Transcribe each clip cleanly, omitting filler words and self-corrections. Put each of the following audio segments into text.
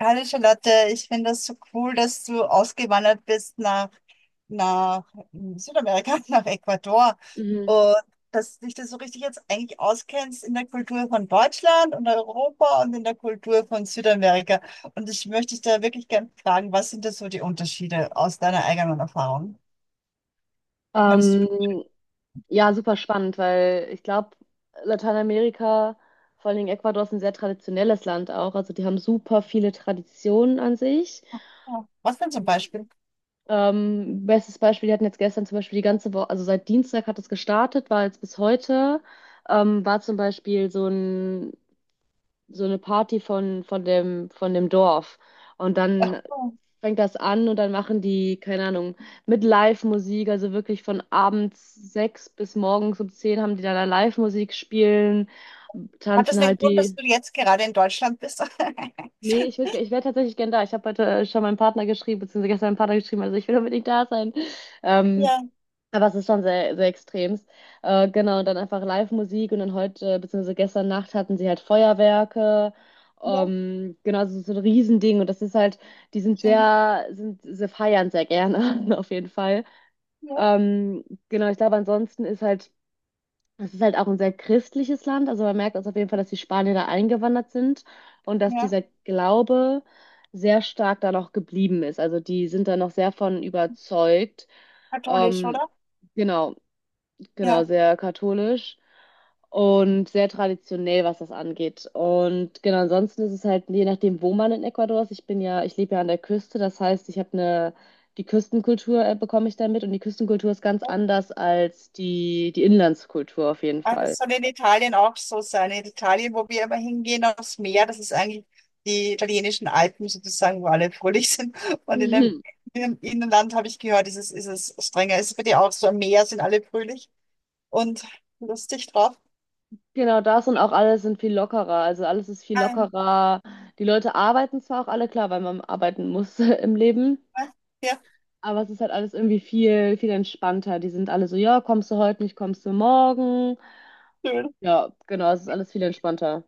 Hallo Charlotte, ich finde das so cool, dass du ausgewandert bist nach Südamerika, nach Ecuador Mhm. und dass dich das so richtig jetzt eigentlich auskennst in der Kultur von Deutschland und Europa und in der Kultur von Südamerika. Und ich möchte dich da wirklich gerne fragen, was sind da so die Unterschiede aus deiner eigenen Erfahrung? Könntest du, Ähm, ja, super spannend, weil ich glaube, Lateinamerika, vor allen Dingen Ecuador, ist ein sehr traditionelles Land auch. Also die haben super viele Traditionen an sich. ja, was denn zum Beispiel? Bestes Beispiel, die hatten jetzt gestern zum Beispiel die ganze Woche, also seit Dienstag hat es gestartet, war jetzt bis heute, war zum Beispiel so ein, so eine Party von dem Dorf. Und dann Oh. fängt das an und dann machen die, keine Ahnung, mit Live-Musik, also wirklich von abends 6 bis morgens um 10 haben die dann da Live-Musik spielen, Hat das tanzen den halt Grund, dass die. du jetzt gerade in Deutschland bist? Nee, ich wäre tatsächlich gern da. Ich habe heute schon meinem Partner geschrieben, beziehungsweise gestern meinem Partner geschrieben, also ich will unbedingt da sein. Ähm, Ja, aber es ist schon sehr, sehr extremst. Genau, und dann einfach Live-Musik und dann heute, beziehungsweise gestern Nacht hatten sie halt Feuerwerke. ja, Genau, so ein Riesending und das ist halt, die sind schön. sehr, sind, sie feiern sehr gerne, auf jeden Fall. Ja, Ähm, genau, ich glaube, ansonsten es ist halt auch ein sehr christliches Land, also man merkt also auf jeden Fall, dass die Spanier da eingewandert sind und dass ja, dieser Glaube sehr stark da noch geblieben ist. Also die sind da noch sehr von überzeugt. katholisch, Ähm, oder? Genau, genau, Ja. sehr katholisch und sehr traditionell, was das angeht. Und genau, ansonsten ist es halt, je nachdem, wo man in Ecuador ist, ich lebe ja an der Küste, das heißt, die Küstenkultur bekomme ich damit und die Küstenkultur ist ganz anders als die Inlandskultur auf jeden Ah, Fall. das soll in Italien auch so sein. In Italien, wo wir immer hingehen, aufs Meer, das ist eigentlich die italienischen Alpen sozusagen, wo alle fröhlich sind. Und in dem, Mhm. im Innenland habe ich gehört, ist es strenger. Ist es bei dir auch so? Am Meer sind alle fröhlich und lustig drauf. Genau das und auch alles sind viel lockerer. Also alles ist viel Ah, lockerer. Die Leute arbeiten zwar auch alle, klar, weil man arbeiten muss im Leben, ah, ja, aber es ist halt alles irgendwie viel, viel entspannter. Die sind alle so, ja, kommst du heute nicht, kommst du morgen. schön. Ja, genau, es ist alles viel entspannter.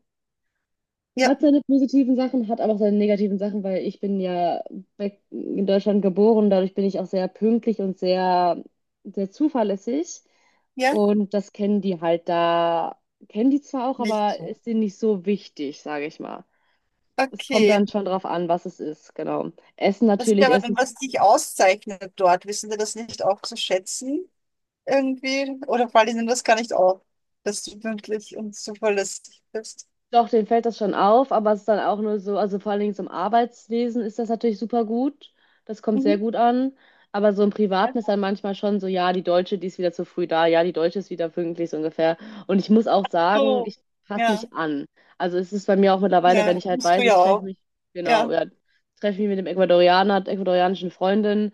Ja, Hat seine positiven Sachen, hat aber auch seine negativen Sachen, weil ich bin ja weg in Deutschland geboren, dadurch bin ich auch sehr pünktlich und sehr, sehr zuverlässig. ja, Und das kennen die halt da, kennen die zwar auch, nicht aber so. ist denen nicht so wichtig, sage ich mal. Es kommt Okay. dann schon drauf an, was es ist, genau. Essen Das ist ja natürlich, aber Essen dann, was dich auszeichnet dort. Wissen Sie das nicht auch zu schätzen? Irgendwie? Oder fallen Ihnen das gar nicht auf, dass du pünktlich und zuverlässig bist? Doch, denen fällt das schon auf, aber es ist dann auch nur so, also vor allen Dingen so im Arbeitswesen ist das natürlich super gut. Das kommt sehr Mhm. gut an. Aber so im Privaten ist Ja, dann manchmal schon so, ja, die Deutsche, die ist wieder zu früh da, ja, die Deutsche ist wieder pünktlich so ungefähr. Und ich muss auch sagen, so. ich passe Ja, mich an. Also es ist bei mir auch mittlerweile, wenn ja, ich halt musst du weiß, ja auch. Genau, Ja. ja, treffe mich mit dem Ecuadorianer, der ecuadorianischen Freundin,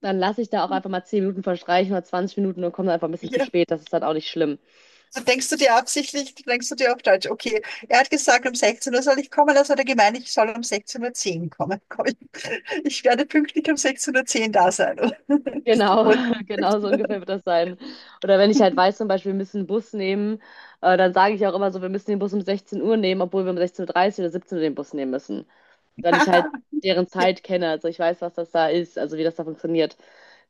dann lasse ich da auch einfach mal 10 Minuten verstreichen oder 20 Minuten und komme dann einfach ein bisschen zu ja. spät. Das ist dann auch nicht schlimm. So denkst du dir absichtlich, denkst du dir auf Deutsch, okay, er hat gesagt, um 16 Uhr soll ich kommen, also hat er gemeint, ich soll um 16:10 Uhr kommen. Komm, ich werde pünktlich um 16:10 Uhr da sein. Genau, Wohl pünktlich. genau so ungefähr wird das sein. Oder wenn ich halt weiß, zum Beispiel, wir müssen einen Bus nehmen, dann sage ich auch immer so, wir müssen den Bus um 16 Uhr nehmen, obwohl wir um 16.30 Uhr dreißig oder 17 Uhr den Bus nehmen müssen. Weil ich halt deren Ja, Zeit kenne. Also ich weiß, was das da ist, also wie das da funktioniert.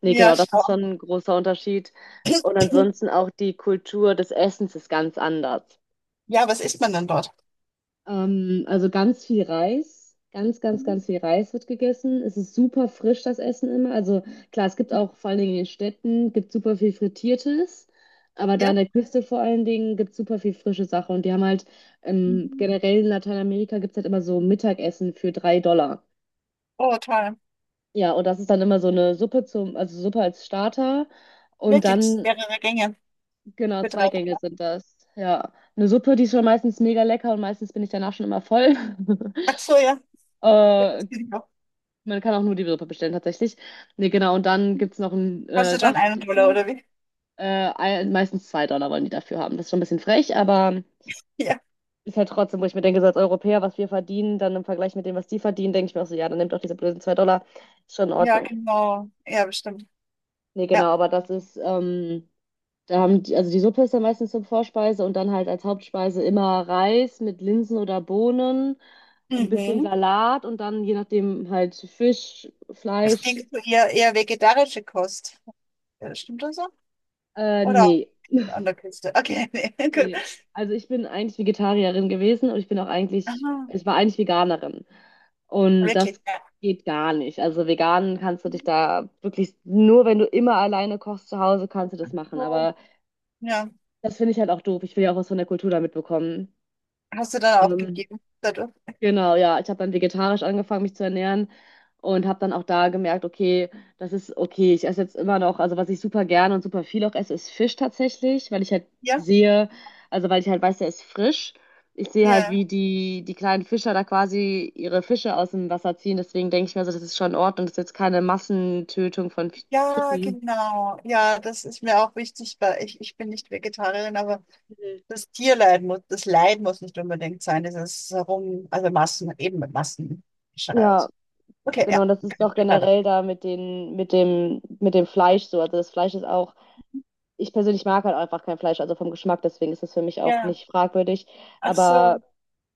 Nee, ja, genau, das ist schau. schon ein großer Unterschied. Und ansonsten auch die Kultur des Essens ist ganz anders. Ja, was isst man dann dort? Also ganz viel Reis, ganz, ganz, Mhm. ganz viel Reis wird gegessen. Es ist super frisch, das Essen immer. Also klar, es gibt auch vor allen Dingen in den Städten, gibt super viel Frittiertes, aber da an Ja. der Küste vor allen Dingen gibt es super viel frische Sache. Und die haben halt Mhm. generell in Lateinamerika gibt es halt immer so Mittagessen für 3 Dollar. Oh, toll. Ja, und das ist dann immer so eine Suppe zum, also Suppe als Starter. Und Wirklich dann, mehrere Gänge genau, für drei zwei Gänge Dollar. sind das. Ja, eine Suppe, die ist schon meistens mega lecker und meistens bin ich danach schon immer voll. Ach so, ja. Ja, Äh, das geht auch. Man kann auch nur die Suppe bestellen, tatsächlich. Nee, genau. Und dann gibt es noch einen Kostet dann Saft einen Dollar, dazu. oder wie? Äh, Meistens 2 Dollar wollen die dafür haben. Das ist schon ein bisschen frech, aber Ja. ist halt trotzdem, wo ich mir denke, so als Europäer, was wir verdienen, dann im Vergleich mit dem, was die verdienen, denke ich mir auch so, ja, dann nehmt doch diese blöden 2 Dollar. Ist schon in Ja, Ordnung. genau. Ja, bestimmt. Nee, genau. Ja. Aber das ist, da haben die, also die Suppe ist dann meistens zur Vorspeise und dann halt als Hauptspeise immer Reis mit Linsen oder Bohnen, ein bisschen Mhm. Salat und dann je nachdem halt Fisch, Es ging Fleisch. zu eher, eher vegetarische Kost. Ja, stimmt das so? Oder Nee. an der Küste? Okay, nee, gut. Nee, also ich bin eigentlich Vegetarierin gewesen und Aha, ich war eigentlich Veganerin. Und das wirklich. Ja. geht gar nicht. Also vegan kannst du dich da wirklich, nur wenn du immer alleine kochst zu Hause, kannst du das machen. So, Aber ja. das finde ich halt auch doof. Ich will ja auch was von der Kultur da mitbekommen. Hast du dann Ähm, aufgegeben dadurch? Genau, ja. Ich habe dann vegetarisch angefangen, mich zu ernähren und habe dann auch da gemerkt, okay, das ist okay. Ich esse jetzt immer noch, also was ich super gerne und super viel auch esse, ist Fisch tatsächlich, Ja? sehe, weil ich halt weiß, der ist frisch. Ich sehe halt, Ja. wie die kleinen Fischer da quasi ihre Fische aus dem Wasser ziehen. Deswegen denke ich mir so, das ist schon in Ordnung. Das ist jetzt keine Massentötung von F- Ja, Fischen. genau. Ja, das ist mir auch wichtig, weil ich bin nicht Vegetarierin, aber Mhm. das Tierleid muss, das Leid muss nicht unbedingt sein, dieses Herum, also Massen, eben mit Massen. Ja, Okay, ja. genau. Und das ist auch Weiter. generell da mit dem Fleisch so. Also das Fleisch ist auch Ich persönlich mag halt einfach kein Fleisch, also vom Geschmack, deswegen ist das für mich auch Ja. nicht fragwürdig. Ach Aber so.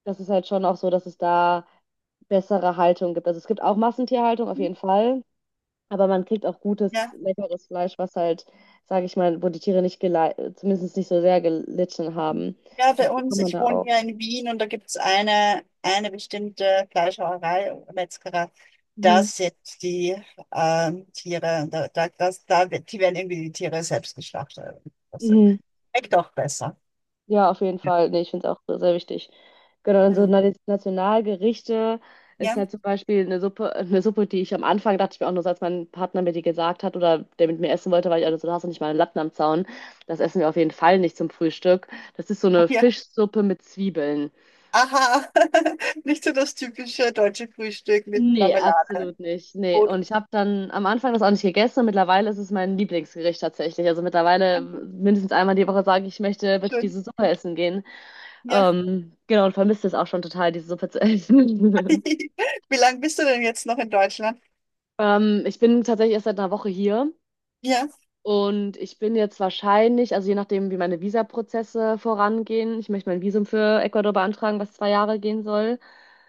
das ist halt schon auch so, dass es da bessere Haltung gibt. Also es gibt auch Massentierhaltung auf jeden Fall, aber man kriegt auch gutes, Ja. leckeres Fleisch, was halt, sage ich mal, wo die Tiere nicht zumindest nicht so sehr gelitten haben. Ja, Das bei uns, bekommt man ich da wohne auch. ja in Wien und da gibt es eine bestimmte Fleischerei oder Metzgerei. Da Mhm. setzt die Tiere, da, da, das, da, wird- die werden irgendwie die Tiere selbst geschlachtet. Das Mhm. schmeckt auch besser. Ja, auf jeden Ja. Fall. Nee, ich finde es auch sehr wichtig. Genau, und so Hm. Nationalgerichte ist Ja, halt zum Beispiel eine Suppe, die ich am Anfang dachte ich mir auch nur, so, als mein Partner mir die gesagt hat oder der mit mir essen wollte, weil ich also, du hast doch nicht mal einen Latten am Zaun. Das essen wir auf jeden Fall nicht zum Frühstück. Das ist so eine ja. Fischsuppe mit Zwiebeln. Aha, nicht so das typische deutsche Frühstück mit Nee, Marmelade. absolut nicht. Nee, Brot. und ich habe dann am Anfang das auch nicht gegessen und mittlerweile ist es mein Lieblingsgericht tatsächlich. Also mittlerweile mindestens einmal die Woche sage ich, ich möchte bitte Schön. diese Suppe essen gehen. Ja. Genau, und vermisst es auch schon total, diese Suppe zu essen. Wie lange bist du denn jetzt noch in Deutschland? Ich bin tatsächlich erst seit einer Woche hier Ja. und ich bin jetzt wahrscheinlich, also je nachdem, wie meine Visaprozesse vorangehen, ich möchte mein Visum für Ecuador beantragen, was 2 Jahre gehen soll,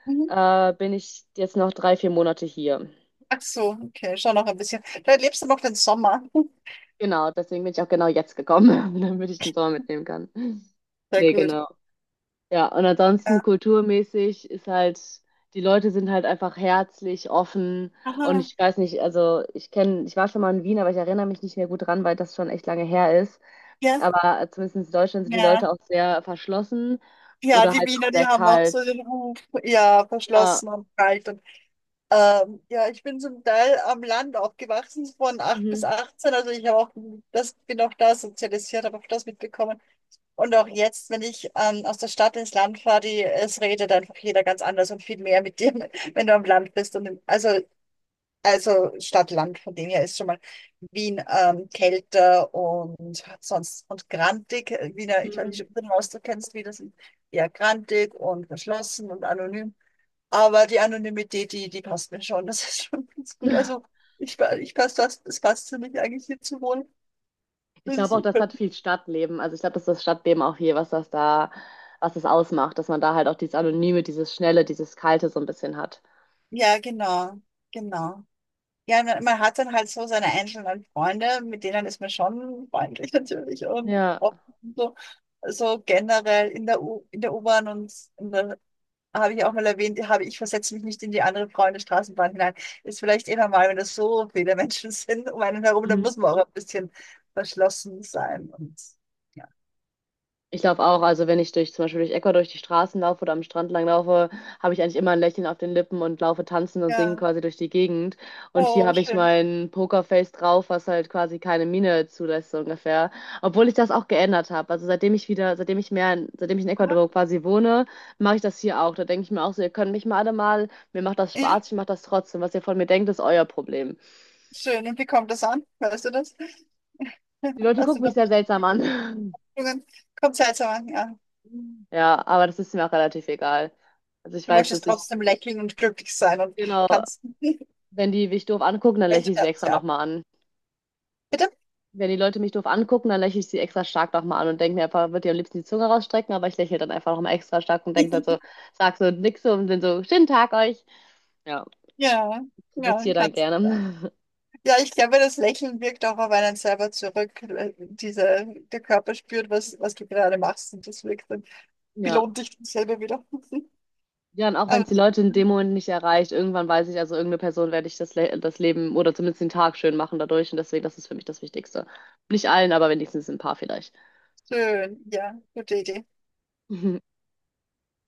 Mhm. Bin ich jetzt noch 3, 4 Monate hier. Ach so, okay, schon noch ein bisschen. Da lebst du noch den Sommer. Genau, deswegen bin ich auch genau jetzt gekommen, damit ich den Sommer mitnehmen kann. Sehr Nee, gut. genau. Ja, und ansonsten Ja. kulturmäßig ist halt, die Leute sind halt einfach herzlich, offen und Aha. ich weiß nicht, ich war schon mal in Wien, aber ich erinnere mich nicht mehr gut dran, weil das schon echt lange her ist. Ja. Aber zumindest in Deutschland sind die Leute Ja. auch sehr verschlossen Ja, oder die halt auch Wiener, die sehr haben auch kalt. so den Ruf, ja, Ja. verschlossen und kalt. Und, ja, ich bin zum Teil am Land aufgewachsen, von acht bis Mhm. achtzehn Also ich habe auch das, bin auch da sozialisiert, habe auch das mitbekommen. Und auch jetzt, wenn ich aus der Stadt ins Land fahre, die, es redet einfach jeder ganz anders und viel mehr mit dir, wenn du am Land bist. Und also Stadt-Land, von dem her ist schon mal Wien kälter und sonst und grantig. Wiener, ich weiß nicht, Mhm. ob du den Ausdruck kennst, wie das ist. Eher grantig und verschlossen und anonym. Aber die Anonymität, die passt mir schon. Das ist schon ganz gut. Also ich passt das, es passt für mich eigentlich hier zu wohnen. Ich Das ist glaube auch, das super. hat viel Stadtleben. Also ich glaube, das ist das Stadtleben auch hier, was das ausmacht, dass man da halt auch dieses Anonyme, dieses Schnelle, dieses Kalte so ein bisschen hat. Ja, genau, genau. Ja, man hat dann halt so seine einzelnen Freunde, mit denen ist man schon freundlich natürlich und Ja. auch so, so. Also generell in der U-Bahn und in der, habe ich auch mal erwähnt, habe ich versetze mich nicht in die andere Freunde Straßenbahn hinein. Ist vielleicht eh normal, wenn das so viele Menschen sind um einen herum, dann muss man auch ein bisschen verschlossen sein und ja. Ich laufe auch, also wenn ich zum Beispiel durch Ecuador durch die Straßen laufe oder am Strand lang laufe, habe ich eigentlich immer ein Lächeln auf den Lippen und laufe tanzend und singen Ja, quasi durch die Gegend. Und hier oh, habe ich schön. mein Pokerface drauf, was halt quasi keine Miene zulässt, so ungefähr. Obwohl ich das auch geändert habe. Also seitdem ich wieder, seitdem ich mehr, in- seitdem ich in Aha. Ecuador quasi wohne, mache ich das hier auch. Da denke ich mir auch so, ihr könnt mich mal alle mal, mir macht das Ja, Spaß, ich mache das trotzdem. Was ihr von mir denkt, ist euer Problem. schön. Und wie kommt das an? Weißt du das? Die Leute Hast du gucken da. mich sehr seltsam an. Kommt seltsam an, ja. Ja, aber das ist mir auch relativ egal. Also ich Du weiß, möchtest dass ich. trotzdem lächeln und glücklich sein und Genau. tanzen. Wenn die mich doof angucken, dann lächle Welche ich sie extra Fernseher ab? nochmal an. Bitte? Wenn die Leute mich doof angucken, dann lächle ich sie extra stark nochmal an und denke mir einfach, würde ihr am liebsten die Zunge rausstrecken, aber ich lächle dann einfach nochmal extra stark und denke dann so, sag so nix so und bin so, schönen Tag euch. Ja, Ja, ja, provoziere dann kannst du. gerne. Ja, ich glaube, das Lächeln wirkt auch auf einen selber zurück. Diese, der Körper spürt, was du gerade machst und das wirkt dann, Ja. belohnt dich selber wieder. Ja, und auch wenn Aber es die das Leute ist in dem Moment nicht erreicht, irgendwann weiß ich, also irgendeine Person werde ich das Leben oder zumindest den Tag schön machen dadurch und deswegen, das ist für mich das Wichtigste. Nicht allen, aber wenigstens ein paar vielleicht. schön, ja, gute Idee.